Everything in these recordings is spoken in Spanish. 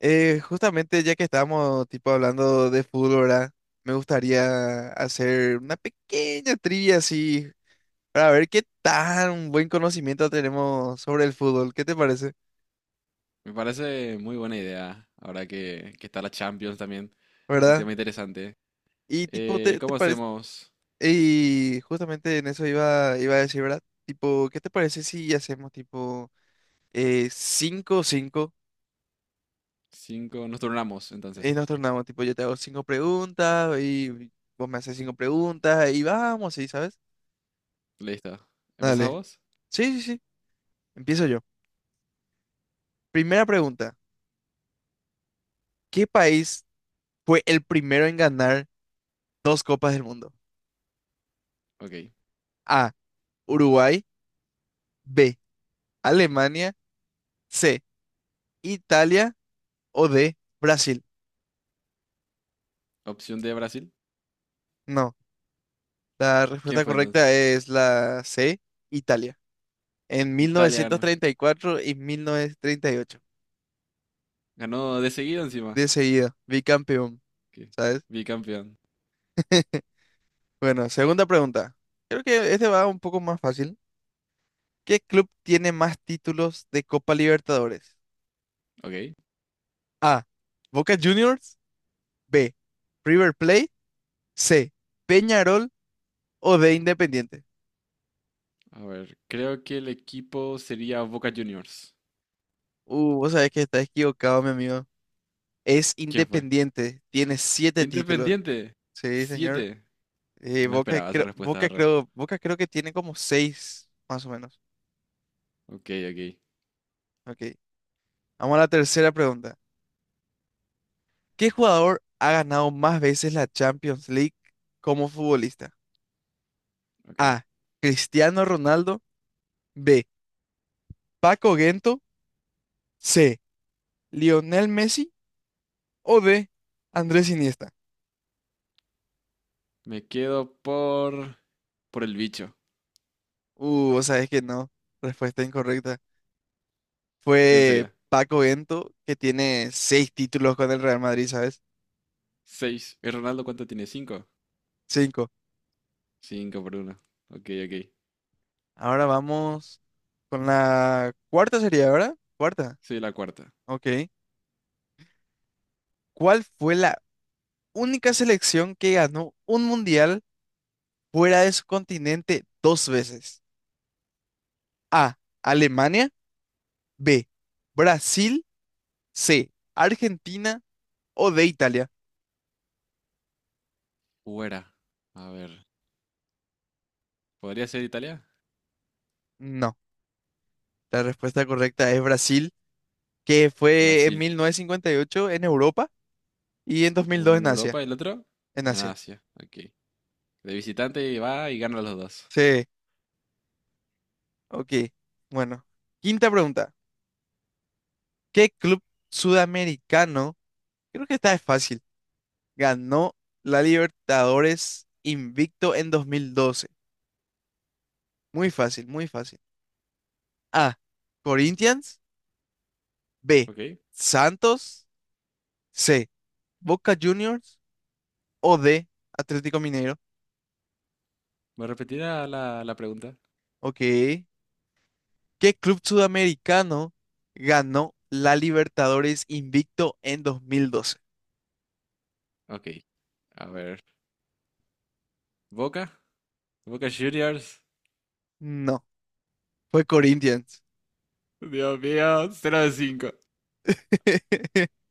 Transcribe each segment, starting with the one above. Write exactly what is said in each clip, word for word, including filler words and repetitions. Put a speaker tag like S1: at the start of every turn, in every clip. S1: Eh, justamente ya que estábamos tipo hablando de fútbol, ¿verdad? Me gustaría hacer una pequeña trivia así para ver qué tan buen conocimiento tenemos sobre el fútbol. ¿Qué te parece?
S2: Me parece muy buena idea, ahora que, que está la Champions también. Un
S1: ¿Verdad?
S2: tema interesante.
S1: Y tipo,
S2: Eh,
S1: ¿te, te
S2: ¿cómo
S1: parece?
S2: hacemos?
S1: Y justamente en eso iba, iba a decir, ¿verdad? Tipo, ¿qué te parece si hacemos tipo eh, cinco cinco
S2: Cinco, nos turnamos
S1: y
S2: entonces.
S1: nos tornamos? Tipo, yo te hago cinco preguntas y vos me haces cinco preguntas y vamos, ¿sí? ¿Sabes?
S2: Listo. ¿Empezás
S1: Dale.
S2: vos?
S1: Sí, sí, sí. Empiezo yo. Primera pregunta, ¿qué país fue el primero en ganar dos Copas del Mundo?
S2: Ok.
S1: A, Uruguay, B, Alemania, C, Italia o D, Brasil.
S2: Opción de Brasil.
S1: No, la
S2: ¿Quién
S1: respuesta
S2: fue
S1: correcta
S2: entonces?
S1: es la C, Italia, en
S2: Italia ganó.
S1: mil novecientos treinta y cuatro y mil novecientos treinta y ocho,
S2: Ganó de seguido encima.
S1: de seguida, bicampeón,
S2: Ok,
S1: ¿sabes?
S2: bicampeón.
S1: Bueno, segunda pregunta. Creo que este va un poco más fácil. ¿Qué club tiene más títulos de Copa Libertadores?
S2: Ok.
S1: A, Boca Juniors. B. River Plate. C. Peñarol o D. Independiente.
S2: A ver, creo que el equipo sería Boca Juniors.
S1: Uh, vos sabés que estás equivocado, mi amigo. Es
S2: ¿Quién fue?
S1: Independiente. Tiene siete títulos.
S2: Independiente.
S1: Sí, señor.
S2: Siete.
S1: Eh,
S2: No
S1: Boca,
S2: esperaba esa
S1: creo,
S2: respuesta,
S1: Boca,
S2: arre.
S1: creo, Boca creo que tiene como seis, más o menos.
S2: Ok, ok,
S1: Ok. Vamos a la tercera pregunta. ¿Qué jugador ha ganado más veces la Champions League como futbolista?
S2: ok.
S1: A. Cristiano Ronaldo. B. Paco Gento. C. Lionel Messi o D. Andrés Iniesta.
S2: Me quedo por. por el bicho.
S1: Uh, vos sabés que no. Respuesta incorrecta.
S2: ¿Quién
S1: Fue
S2: sería?
S1: Paco Bento, que tiene seis títulos con el Real Madrid, ¿sabes?
S2: Seis. ¿Y Ronaldo cuánto tiene? ¿Cinco?
S1: Cinco.
S2: Cinco por uno. Ok, ok.
S1: Ahora vamos con la cuarta sería, ¿verdad? Cuarta.
S2: Soy la cuarta.
S1: Ok. ¿Cuál fue la única selección que ganó un mundial fuera de su continente dos veces? A. Alemania. B. Brasil. C. Argentina o de Italia.
S2: Fuera. A ver. ¿Podría ser Italia?
S1: No. La respuesta correcta es Brasil, que fue en
S2: Brasil.
S1: mil novecientos cincuenta y ocho en Europa y en
S2: Uno
S1: dos mil dos
S2: en
S1: en Asia.
S2: Europa, el otro
S1: En
S2: en
S1: Asia.
S2: Asia. Ok. De visitante va y gana los dos.
S1: Sí, ok. Bueno, quinta pregunta. ¿Qué club sudamericano, creo que esta es fácil, ganó la Libertadores invicto en dos mil doce? Muy fácil, muy fácil. A, Corinthians, B,
S2: Ok.
S1: Santos, C, Boca Juniors o D, Atlético Mineiro.
S2: ¿Me repetirá la, la pregunta?
S1: Ok, ¿qué club sudamericano ganó la Libertadores invicto en dos mil doce?
S2: Ok. A ver. ¿Boca? ¿Boca Juniors?
S1: No, fue Corinthians.
S2: Dios mío, cero de cinco.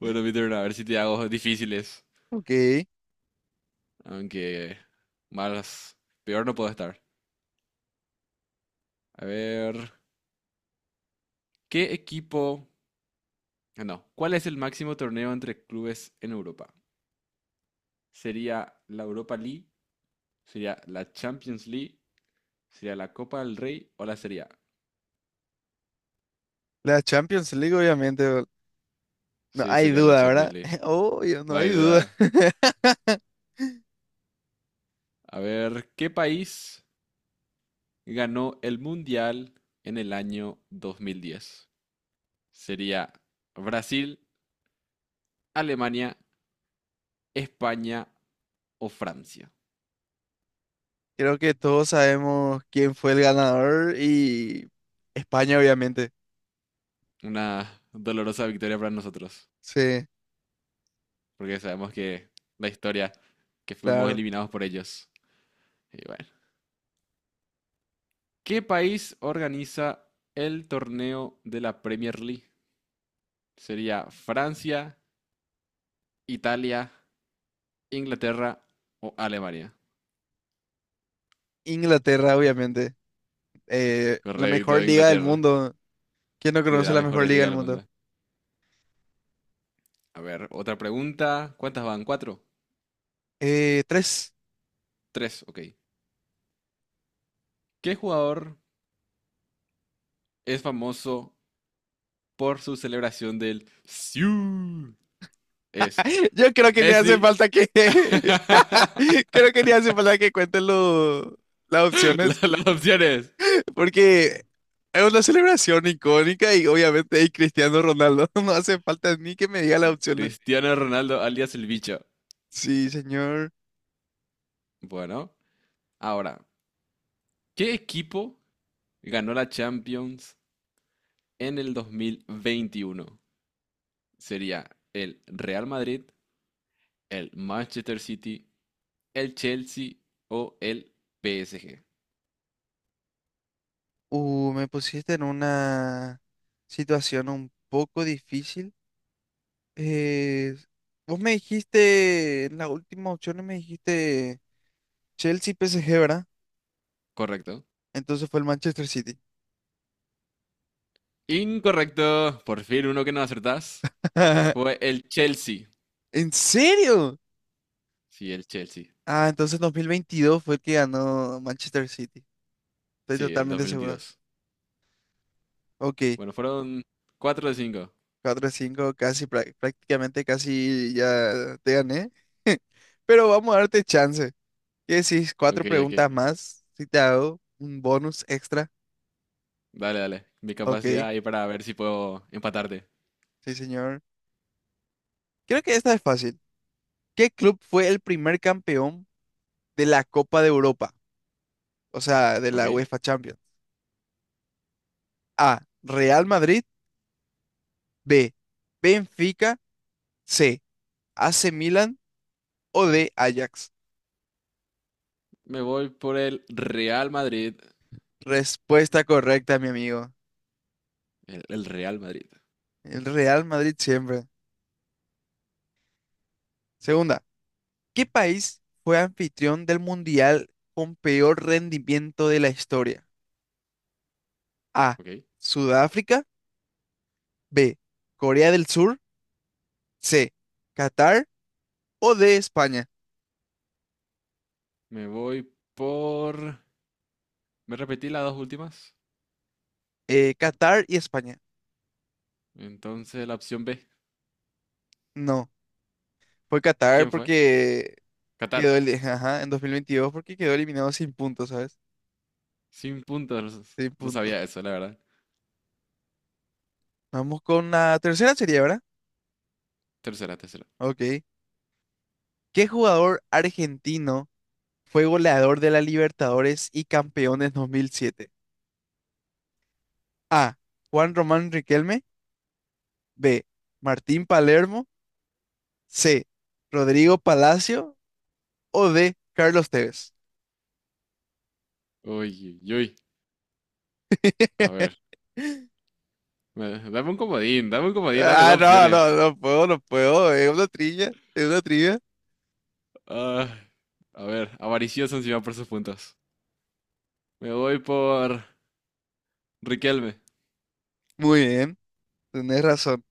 S2: Bueno, mi turno, a ver si te hago difíciles.
S1: Ok,
S2: Aunque más, peor no puedo estar. A ver, ¿qué equipo? Ah, No, ¿Cuál es el máximo torneo entre clubes en Europa? ¿Sería la Europa League? ¿Sería la Champions League? ¿Sería la Copa del Rey o la Serie A?
S1: la Champions League obviamente, bol- no
S2: Sí,
S1: hay
S2: sería la
S1: duda,
S2: Champions
S1: ¿verdad?
S2: League.
S1: Obvio, no
S2: No
S1: hay
S2: hay
S1: duda.
S2: duda. A ver, ¿qué país ganó el Mundial en el año dos mil diez? ¿Sería Brasil, Alemania, España o Francia?
S1: Creo que todos sabemos quién fue el ganador y España obviamente.
S2: Una dolorosa victoria para nosotros,
S1: Sí,
S2: porque sabemos que la historia, que fuimos
S1: claro.
S2: eliminados por ellos. Y bueno. ¿Qué país organiza el torneo de la Premier League? Sería Francia, Italia, Inglaterra o Alemania.
S1: Inglaterra obviamente. Eh, la mejor
S2: Correcto,
S1: liga del
S2: Inglaterra.
S1: mundo. ¿Quién no
S2: Sí, de
S1: conoce
S2: las
S1: la mejor
S2: mejores
S1: liga
S2: ligas
S1: del
S2: del
S1: mundo?
S2: mundo. A ver, otra pregunta. ¿Cuántas van? ¿Cuatro?
S1: Eh, tres.
S2: Tres, ok. ¿Qué jugador es famoso por su celebración del Siu? ¿Es
S1: Yo creo que ni hace
S2: Messi,
S1: falta que, creo que ni hace falta que cuenten lo- las
S2: La-
S1: opciones,
S2: las opciones.
S1: porque es una celebración icónica y obviamente hay Cristiano Ronaldo. No hace falta ni que me diga las opciones.
S2: Cristiano Ronaldo alias el bicho.
S1: Sí, señor.
S2: Bueno, ahora, ¿qué equipo ganó la Champions en el dos mil veintiuno? ¿Sería el Real Madrid, el Manchester City, el Chelsea o el P S G?
S1: Uh, me pusiste en una situación un poco difícil. Eh, Vos me dijiste, en la última opción me dijiste Chelsea P S G, ¿verdad?
S2: ¿Correcto?
S1: Entonces fue el Manchester City.
S2: Incorrecto. Por fin uno que no acertás. Fue el Chelsea.
S1: ¿En serio?
S2: Sí, el Chelsea.
S1: Ah, entonces dos mil veintidós fue el que ganó Manchester City. Estoy
S2: Sí, el
S1: totalmente seguro.
S2: dos mil veintidós.
S1: Ok,
S2: Bueno, fueron cuatro de cinco.
S1: cuatro cinco, casi, prá- prácticamente casi ya te gané. Pero vamos a darte chance. ¿Qué decís? Cuatro
S2: Ok, ok.
S1: preguntas más. Si te hago un bonus extra.
S2: Dale, dale. Mi capacidad
S1: Ok,
S2: ahí para ver si puedo empatarte.
S1: sí, señor. Creo que esta es fácil. ¿Qué club fue el primer campeón de la Copa de Europa? O sea, de
S2: Ok.
S1: la UEFA Champions. A. Real Madrid. B. Benfica. C. A C Milan o D. Ajax.
S2: Me voy por el Real Madrid.
S1: Respuesta correcta, mi amigo.
S2: El, el Real Madrid.
S1: El Real Madrid siempre. Segunda, ¿qué país fue anfitrión del Mundial con peor rendimiento de la historia? A.
S2: Ok.
S1: Sudáfrica. B. Corea del Sur. C. Qatar. O D. España.
S2: Me voy por... Me repetí las dos últimas.
S1: Eh, Qatar y España.
S2: Entonces la opción B.
S1: No, fue Qatar
S2: ¿Quién fue?
S1: porque
S2: Qatar.
S1: quedó el, ajá, en dos mil veintidós porque quedó eliminado sin puntos, ¿sabes?
S2: Sin puntos.
S1: Sin
S2: No
S1: puntos.
S2: sabía eso, la verdad.
S1: Vamos con la tercera serie, ¿verdad?
S2: Tercera, tercera.
S1: Ok. ¿Qué jugador argentino? Fue goleador de la Libertadores y Campeones dos mil siete. A. Juan Román Riquelme. B. Martín Palermo. C. Rodrigo Palacio. O D. Carlos Tevez.
S2: Uy, uy, uy. A ver. me- Dame un comodín. Dame un comodín. Dame
S1: Ah,
S2: dos
S1: no, no,
S2: opciones.
S1: no puedo, no puedo. Es una trivia, es una trivia.
S2: Ah, a ver. Avaricioso encima por sus puntos. Me voy por Riquelme.
S1: Muy bien, tenés razón.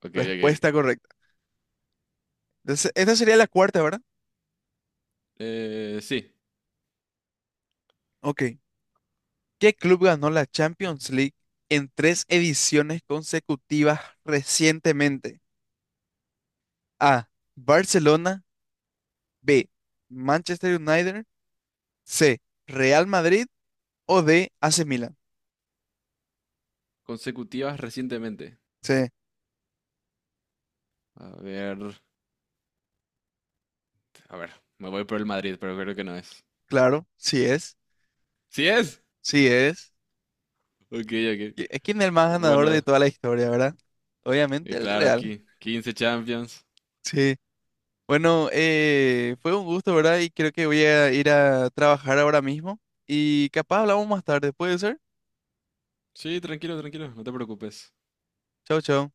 S2: Ok, ok.
S1: Respuesta correcta. Entonces, esta sería la cuarta, ¿verdad?
S2: Eh, sí,
S1: Ok. ¿Qué club ganó la Champions League en tres ediciones consecutivas recientemente? A. Barcelona. B. Manchester United. C. Real Madrid o D. A C Milan.
S2: consecutivas recientemente.
S1: Sí,
S2: A ver, a ver, me voy por el Madrid, pero creo que no es.
S1: claro, sí es.
S2: ¿Sí es?
S1: Sí es.
S2: Ok, ok.
S1: ¿Qui- eh, ¿Quién es el más ganador de
S2: Bueno,
S1: toda la historia, verdad? Obviamente
S2: y
S1: el
S2: claro,
S1: Real.
S2: aquí, quince Champions.
S1: Sí. Bueno, eh, fue un gusto, ¿verdad? Y creo que voy a ir a trabajar ahora mismo. Y capaz hablamos más tarde, ¿puede ser?
S2: Sí, tranquilo, tranquilo, no te preocupes.
S1: Chao, chao.